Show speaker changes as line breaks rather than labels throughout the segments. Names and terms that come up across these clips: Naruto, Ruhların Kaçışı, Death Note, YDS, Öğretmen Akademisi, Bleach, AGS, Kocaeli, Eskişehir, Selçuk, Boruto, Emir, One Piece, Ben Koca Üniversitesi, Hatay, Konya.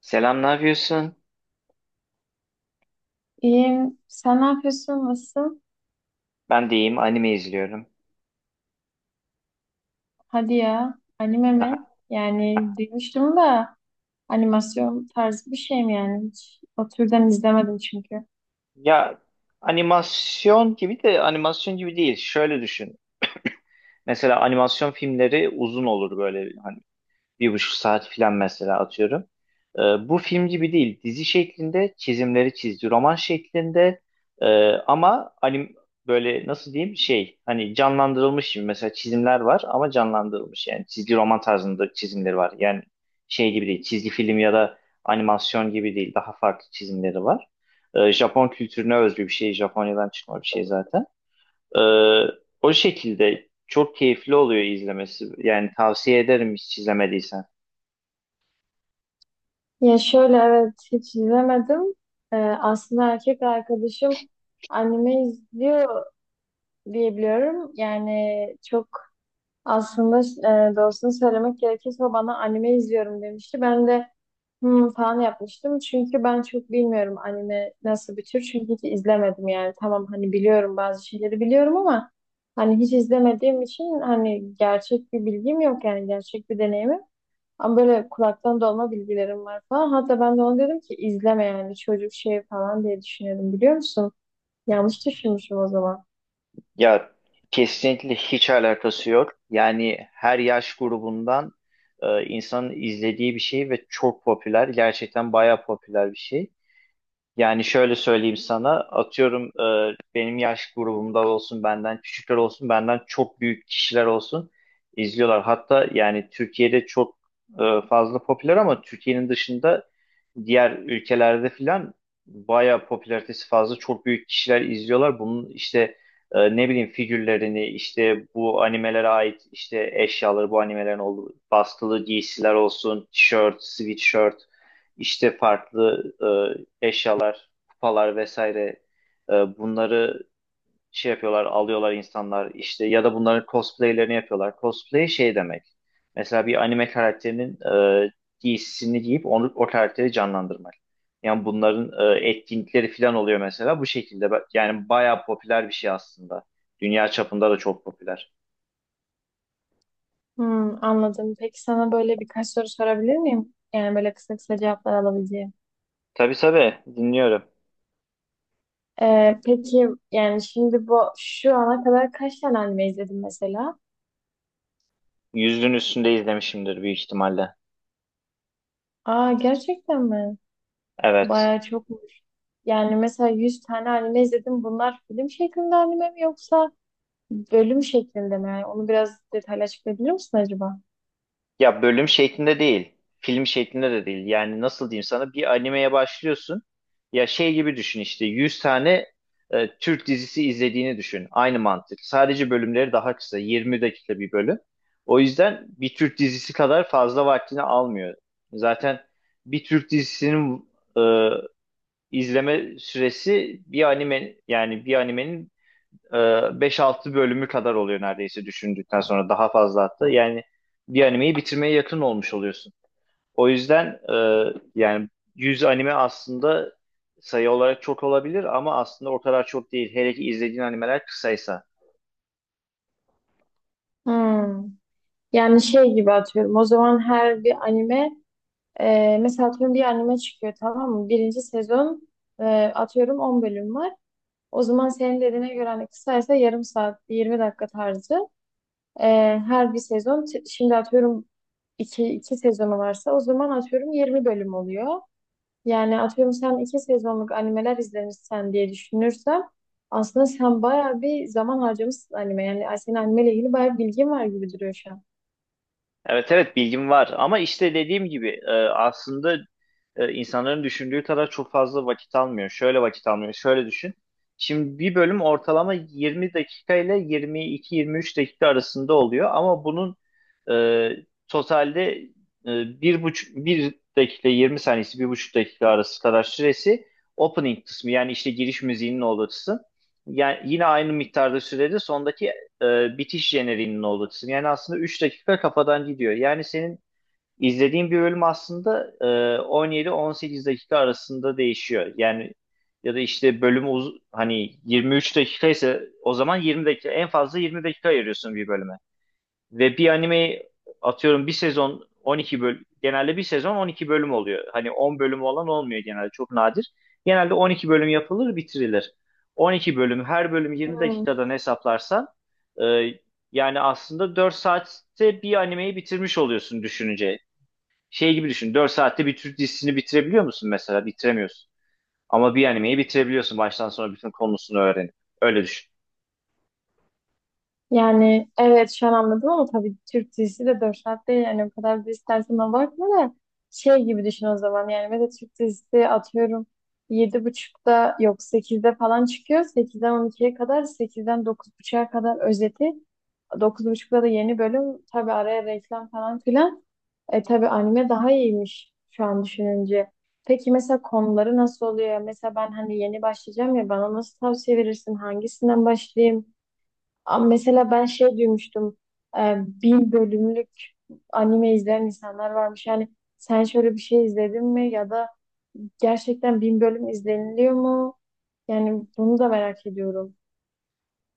Selam, ne yapıyorsun?
İyiyim. Sen ne yapıyorsun? Nasıl?
Ben de iyiyim, anime izliyorum.
Hadi ya. Anime mi?
Aha.
Yani duymuştum da animasyon tarzı bir şey mi yani? Hiç o türden izlemedim çünkü.
Ya animasyon gibi de animasyon gibi değil. Şöyle düşün. Mesela animasyon filmleri uzun olur böyle, hani. 1,5 saat filan mesela atıyorum. Ee, Bu film gibi değil. Dizi şeklinde çizimleri çizdi. Roman şeklinde, Ee, ama hani böyle nasıl diyeyim şey hani canlandırılmış gibi mesela çizimler var ama canlandırılmış yani çizgi roman tarzında çizimleri var. Yani şey gibi değil çizgi film ya da animasyon gibi değil daha farklı çizimleri var. Japon kültürüne özgü bir şey, Japonya'dan çıkma bir şey zaten. Ee, O şekilde çok keyifli oluyor izlemesi. Yani tavsiye ederim hiç izlemediysen.
Ya şöyle evet hiç izlemedim. Aslında erkek arkadaşım anime izliyor diye biliyorum. Yani çok aslında doğrusunu söylemek gerekirse o bana anime izliyorum demişti. Ben de hmm, falan yapmıştım. Çünkü ben çok bilmiyorum anime nasıl bir tür. Çünkü hiç izlemedim yani. Tamam hani biliyorum, bazı şeyleri biliyorum ama hani hiç izlemediğim için hani gerçek bir bilgim yok, yani gerçek bir deneyimim. Ama böyle kulaktan dolma bilgilerim var falan. Hatta ben de ona dedim ki izleme, yani çocuk şey falan diye düşünüyordum, biliyor musun? Yanlış düşünmüşüm o zaman.
Ya kesinlikle hiç alakası yok. Yani her yaş grubundan insanın izlediği bir şey ve çok popüler. Gerçekten bayağı popüler bir şey. Yani şöyle söyleyeyim sana, atıyorum, benim yaş grubumda olsun, benden küçükler olsun, benden çok büyük kişiler olsun izliyorlar. Hatta yani Türkiye'de çok fazla popüler ama Türkiye'nin dışında diğer ülkelerde filan bayağı popülaritesi fazla, çok büyük kişiler izliyorlar. Bunun işte ne bileyim figürlerini, işte bu animelere ait işte eşyaları, bu animelerin olduğu bastılı giysiler olsun, tişört, sweatshirt, işte farklı eşyalar, kupalar vesaire, bunları şey yapıyorlar, alıyorlar insanlar işte, ya da bunların cosplaylerini yapıyorlar. Cosplay şey demek. Mesela bir anime karakterinin e, giysisini giyip onu, o karakteri canlandırmak. Yani bunların etkinlikleri falan oluyor mesela bu şekilde. Yani bayağı popüler bir şey aslında. Dünya çapında da çok popüler.
Hmm, anladım. Peki sana böyle birkaç soru sorabilir miyim? Yani böyle kısa kısa cevaplar alabileceğim.
Tabii tabii, dinliyorum.
Peki yani şimdi bu, şu ana kadar kaç tane anime izledin mesela?
100'ün üstünde izlemişimdir büyük ihtimalle.
Aa, gerçekten mi?
Evet.
Bayağı çokmuş. Yani mesela 100 tane anime izledim. Bunlar film şeklinde anime mi yoksa bölüm şeklinde mi? Yani onu biraz detaylı açıklayabilir misin acaba?
Ya bölüm şeklinde değil, film şeklinde de değil. Yani nasıl diyeyim sana, bir animeye başlıyorsun. Ya şey gibi düşün, işte 100 tane Türk dizisi izlediğini düşün. Aynı mantık. Sadece bölümleri daha kısa, 20 dakika bir bölüm. O yüzden bir Türk dizisi kadar fazla vaktini almıyor. Zaten bir Türk dizisinin e, izleme süresi bir anime yani bir animenin 5-6 bölümü kadar oluyor neredeyse, düşündükten sonra daha fazla hatta. Yani bir animeyi bitirmeye yakın olmuş oluyorsun. O yüzden, yani 100 anime aslında sayı olarak çok olabilir ama aslında o kadar çok değil. Hele ki izlediğin animeler kısaysa.
Hmm. Yani şey gibi, atıyorum, o zaman her bir anime. Mesela atıyorum bir anime çıkıyor, tamam mı? Birinci sezon, atıyorum 10 bölüm var. O zaman senin dediğine göre hani kısaysa yarım saat, 20 dakika tarzı. Ee, her bir sezon şimdi atıyorum iki sezonu varsa o zaman atıyorum 20 bölüm oluyor. Yani atıyorum sen iki sezonluk animeler izlemişsen diye düşünürsem aslında sen bayağı bir zaman harcamışsın anime. Yani senin animeyle ilgili bayağı bir bilgin var gibi duruyor şu
Evet evet, bilgim var ama işte dediğim gibi, aslında insanların düşündüğü kadar çok fazla vakit almıyor. Şöyle vakit almıyor. Şöyle düşün. Şimdi bir bölüm ortalama 20 dakika ile 22-23 dakika arasında oluyor ama bunun e, totalde, bir buçuk bir dakika 20 saniyesi 1,5 dakika arası kadar süresi opening kısmı yani işte giriş müziğinin olduğu kısım. Yani yine aynı miktarda sürede sondaki bitiş jeneriğinin olduğu kısım. Yani aslında 3 dakika kafadan gidiyor. Yani senin izlediğin bir bölüm aslında 17-18 dakika arasında değişiyor. Yani ya da işte bölümü hani 23 dakika ise o zaman 20 dakika, en fazla 20 dakika ayırıyorsun bir bölüme. Ve bir anime atıyorum bir sezon 12 bölüm, genelde bir sezon 12 bölüm oluyor. Hani 10 bölüm olan olmuyor genelde, çok nadir. Genelde 12 bölüm yapılır, bitirilir. 12 bölüm, her bölüm 20
an.
dakikadan hesaplarsan, e, yani aslında 4 saatte bir animeyi bitirmiş oluyorsun düşününce. Şey gibi düşün, 4 saatte bir Türk dizisini bitirebiliyor musun mesela? Bitiremiyorsun. Ama bir animeyi bitirebiliyorsun baştan sona bütün konusunu öğrenip. Öyle düşün.
Yani evet, şu an anladım ama tabii Türk dizisi de 4 saat değil. Yani o kadar da istersen ona bakma da, şey gibi düşün o zaman. Yani mesela Türk dizisi atıyorum yedi buçukta, yok sekizde falan çıkıyor. 8'den ikiye kadar, sekizden dokuz 9:30'a kadar özeti. Dokuz buçukta da yeni bölüm, tabii araya reklam falan filan. E, tabii anime daha iyiymiş şu an düşününce. Peki mesela konuları nasıl oluyor? Mesela ben hani yeni başlayacağım ya, bana nasıl tavsiye verirsin? Hangisinden başlayayım? Ama mesela ben şey duymuştum. e, Bin bölümlük anime izleyen insanlar varmış. Yani sen şöyle bir şey izledin mi ya da gerçekten bin bölüm izleniliyor mu? Yani bunu da merak ediyorum.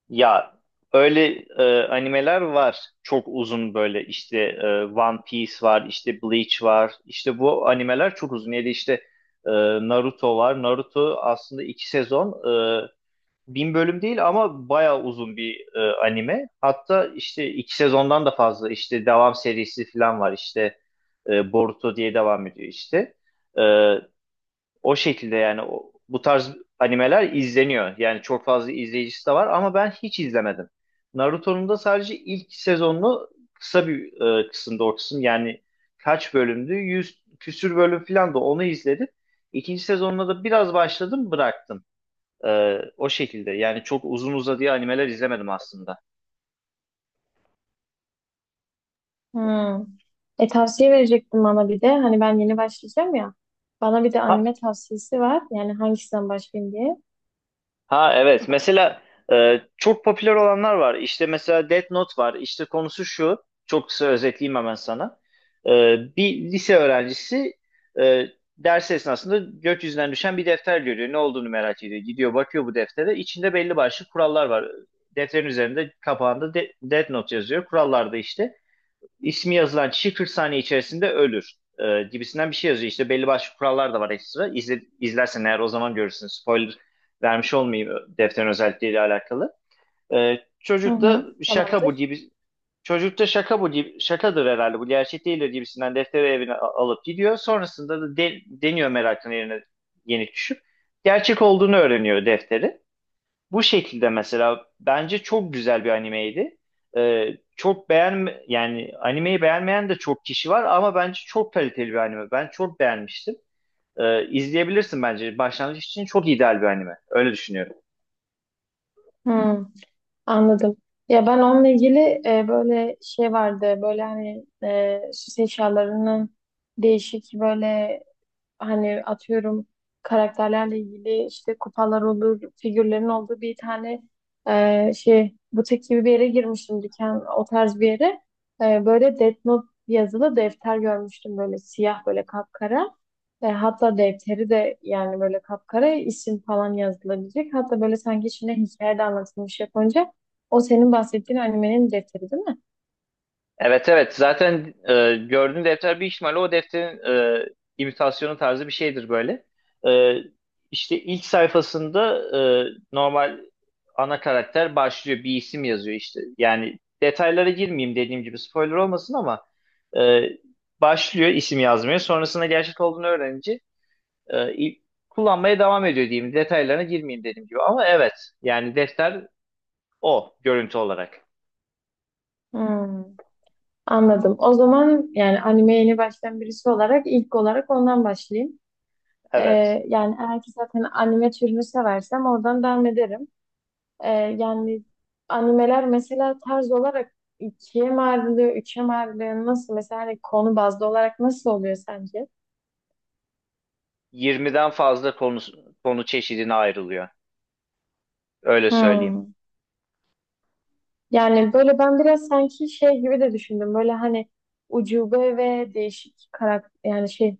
Ya öyle animeler var. Çok uzun böyle, işte One Piece var, işte Bleach var. İşte bu animeler çok uzun. Ya da işte e, Naruto var. Naruto aslında 2 sezon. e, bin bölüm değil ama bayağı uzun bir anime. Hatta işte 2 sezondan da fazla, işte devam serisi falan var. İşte Boruto diye devam ediyor işte. E, O şekilde yani bu tarz animeler izleniyor. Yani çok fazla izleyicisi de var ama ben hiç izlemedim. Naruto'nun da sadece ilk sezonunu, kısa bir kısımda, o kısım yani kaç bölümdü? 100 küsür bölüm falan, da onu izledim. İkinci sezonuna da biraz başladım, bıraktım. O şekilde yani çok uzun uzadıya animeler izlemedim aslında.
Hmm. E, tavsiye verecektim bana bir de. Hani ben yeni başlayacağım ya. Bana bir de
Ha,
anime tavsiyesi var. Yani hangisinden başlayayım diye.
Ha evet, mesela çok popüler olanlar var. İşte mesela Death Note var. İşte konusu şu. Çok kısa özetleyeyim hemen sana. E, Bir lise öğrencisi e, ders esnasında gökyüzünden düşen bir defter görüyor. Ne olduğunu merak ediyor. Gidiyor, bakıyor bu deftere. İçinde belli başlı kurallar var. Defterin üzerinde, kapağında Death Note yazıyor. Kurallarda işte ismi yazılan kişi 40 saniye içerisinde ölür gibisinden bir şey yazıyor. İşte belli başlı kurallar da var ekstra. İzle, izlersen eğer o zaman görürsün. Spoiler vermiş olmayayım defterin özellikleriyle alakalı. E,
Hı
çocuk da
hı.
şaka bu
Tamamdır.
gibi Çocuk da şaka bu gibi, şakadır herhalde, bu gerçek değildir gibisinden defteri evine alıp gidiyor. Sonrasında da deniyor, merakın yerine yenik düşüp gerçek olduğunu öğreniyor defteri. Bu şekilde, mesela bence çok güzel bir animeydi. Çok beğen yani animeyi beğenmeyen de çok kişi var ama bence çok kaliteli bir anime. Ben çok beğenmiştim. İzleyebilirsin bence. Başlangıç için çok ideal bir anime. Öyle düşünüyorum.
Hı. Anladım. Ya ben onunla ilgili böyle şey vardı. Böyle hani, süs eşyalarının değişik, böyle hani, atıyorum karakterlerle ilgili işte kupalar olur, figürlerin olduğu bir tane, şey butik gibi bir yere girmiştim, dükkan o tarz bir yere. E, böyle Death Note yazılı defter görmüştüm, böyle siyah, böyle kapkara. E, hatta defteri de yani böyle kapkara, isim falan yazılabilecek. Hatta böyle sanki içinde hikaye de anlatılmış Japonca. O senin bahsettiğin animenin defteri değil mi?
Evet evet, zaten gördüğün defter bir ihtimalle o defterin e, imitasyonu tarzı bir şeydir böyle. E, işte ilk sayfasında normal ana karakter başlıyor bir isim yazıyor işte. Yani detaylara girmeyeyim dediğim gibi, spoiler olmasın ama e, başlıyor isim yazmaya, sonrasında gerçek olduğunu öğrenince, e, il- kullanmaya devam ediyor diyeyim, detaylarına girmeyeyim dediğim gibi, ama evet, yani defter o görüntü olarak,
Hmm, anladım. O zaman yani animeye yeni başlayan birisi olarak ilk olarak ondan başlayayım.
evet.
Yani eğer ki zaten anime türünü seversem oradan devam ederim. Yani animeler mesela tarz olarak ikiye mi ayrılıyor, üçe mi ayrılıyor, nasıl mesela hani konu bazlı olarak nasıl oluyor sence?
20'den fazla konu çeşidine ayrılıyor. Öyle söyleyeyim.
Hmm. Yani böyle ben biraz sanki şey gibi de düşündüm. Böyle hani ucube ve değişik karakter, yani şey,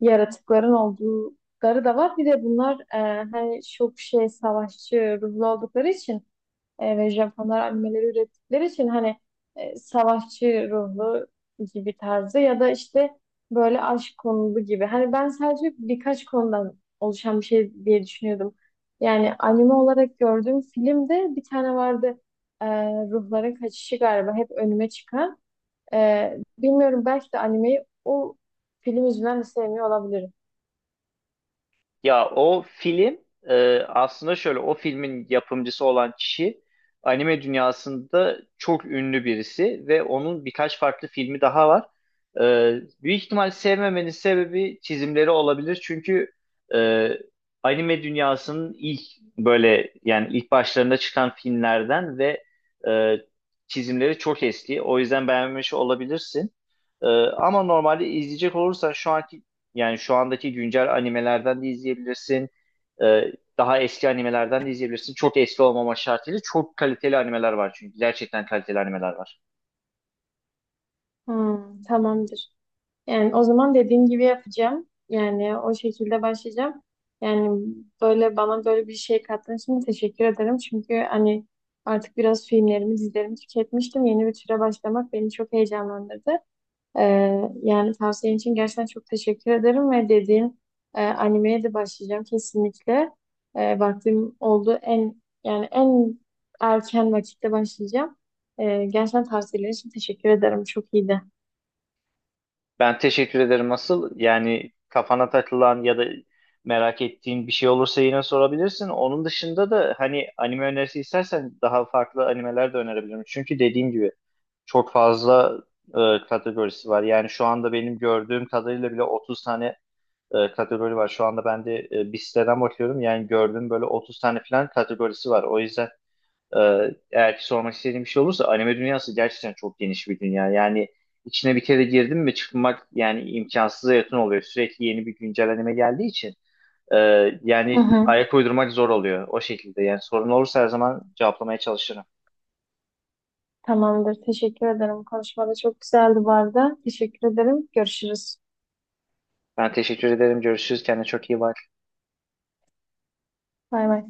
yaratıkların oldukları da var. Bir de bunlar, hani çok şey savaşçı ruhlu oldukları için ve Japonlar animeleri ürettikleri için hani savaşçı ruhlu gibi tarzı ya da işte böyle aşk konulu gibi. Hani ben sadece birkaç konudan oluşan bir şey diye düşünüyordum. Yani anime olarak gördüğüm filmde bir tane vardı. E, Ruhların Kaçışı galiba hep önüme çıkan. E, bilmiyorum, belki de animeyi o film yüzünden de sevmiyor olabilirim.
Ya o film, aslında şöyle, o filmin yapımcısı olan kişi anime dünyasında çok ünlü birisi ve onun birkaç farklı filmi daha var. E, Büyük ihtimal sevmemenin sebebi çizimleri olabilir çünkü e, anime dünyasının ilk, böyle yani ilk başlarında çıkan filmlerden ve e, çizimleri çok eski. O yüzden beğenmemiş olabilirsin. Ama normalde izleyecek olursan şu anki yani şu andaki güncel animelerden de izleyebilirsin. Ee, Daha eski animelerden de izleyebilirsin. Çok eski olmama şartıyla çok kaliteli animeler var çünkü. Gerçekten kaliteli animeler var.
Hmm, tamamdır. Yani o zaman dediğin gibi yapacağım. Yani o şekilde başlayacağım. Yani böyle, bana böyle bir şey kattığın için teşekkür ederim. Çünkü hani artık biraz filmlerimi, dizilerimi tüketmiştim. Yeni bir türe başlamak beni çok heyecanlandırdı. Ee, yani tavsiyen için gerçekten çok teşekkür ederim ve dediğin animeye de başlayacağım kesinlikle. E, vaktim oldu. En erken vakitte başlayacağım. E, gerçekten tavsiyeler için teşekkür ederim. Çok iyiydi.
Ben teşekkür ederim asıl. Yani kafana takılan ya da merak ettiğin bir şey olursa yine sorabilirsin. Onun dışında da hani anime önerisi istersen daha farklı animeler de önerebilirim. Çünkü dediğim gibi çok fazla kategorisi var. Yani şu anda benim gördüğüm kadarıyla bile 30 tane kategori var. Şu anda ben de bir siteden bakıyorum. Yani gördüğüm böyle 30 tane falan kategorisi var. O yüzden eğer ki sormak istediğim bir şey olursa anime dünyası gerçekten çok geniş bir dünya. Yani içine bir kere girdim mi çıkmak yani imkansıza yakın oluyor. Sürekli yeni bir güncel anime geldiği için e,
Hı
yani
hı.
ayak uydurmak zor oluyor o şekilde. Yani sorun olursa her zaman cevaplamaya çalışırım.
Tamamdır. Teşekkür ederim. Konuşma da çok güzeldi bu arada. Teşekkür ederim. Görüşürüz.
Ben teşekkür ederim. Görüşürüz. Kendine çok iyi bak.
Bay bay.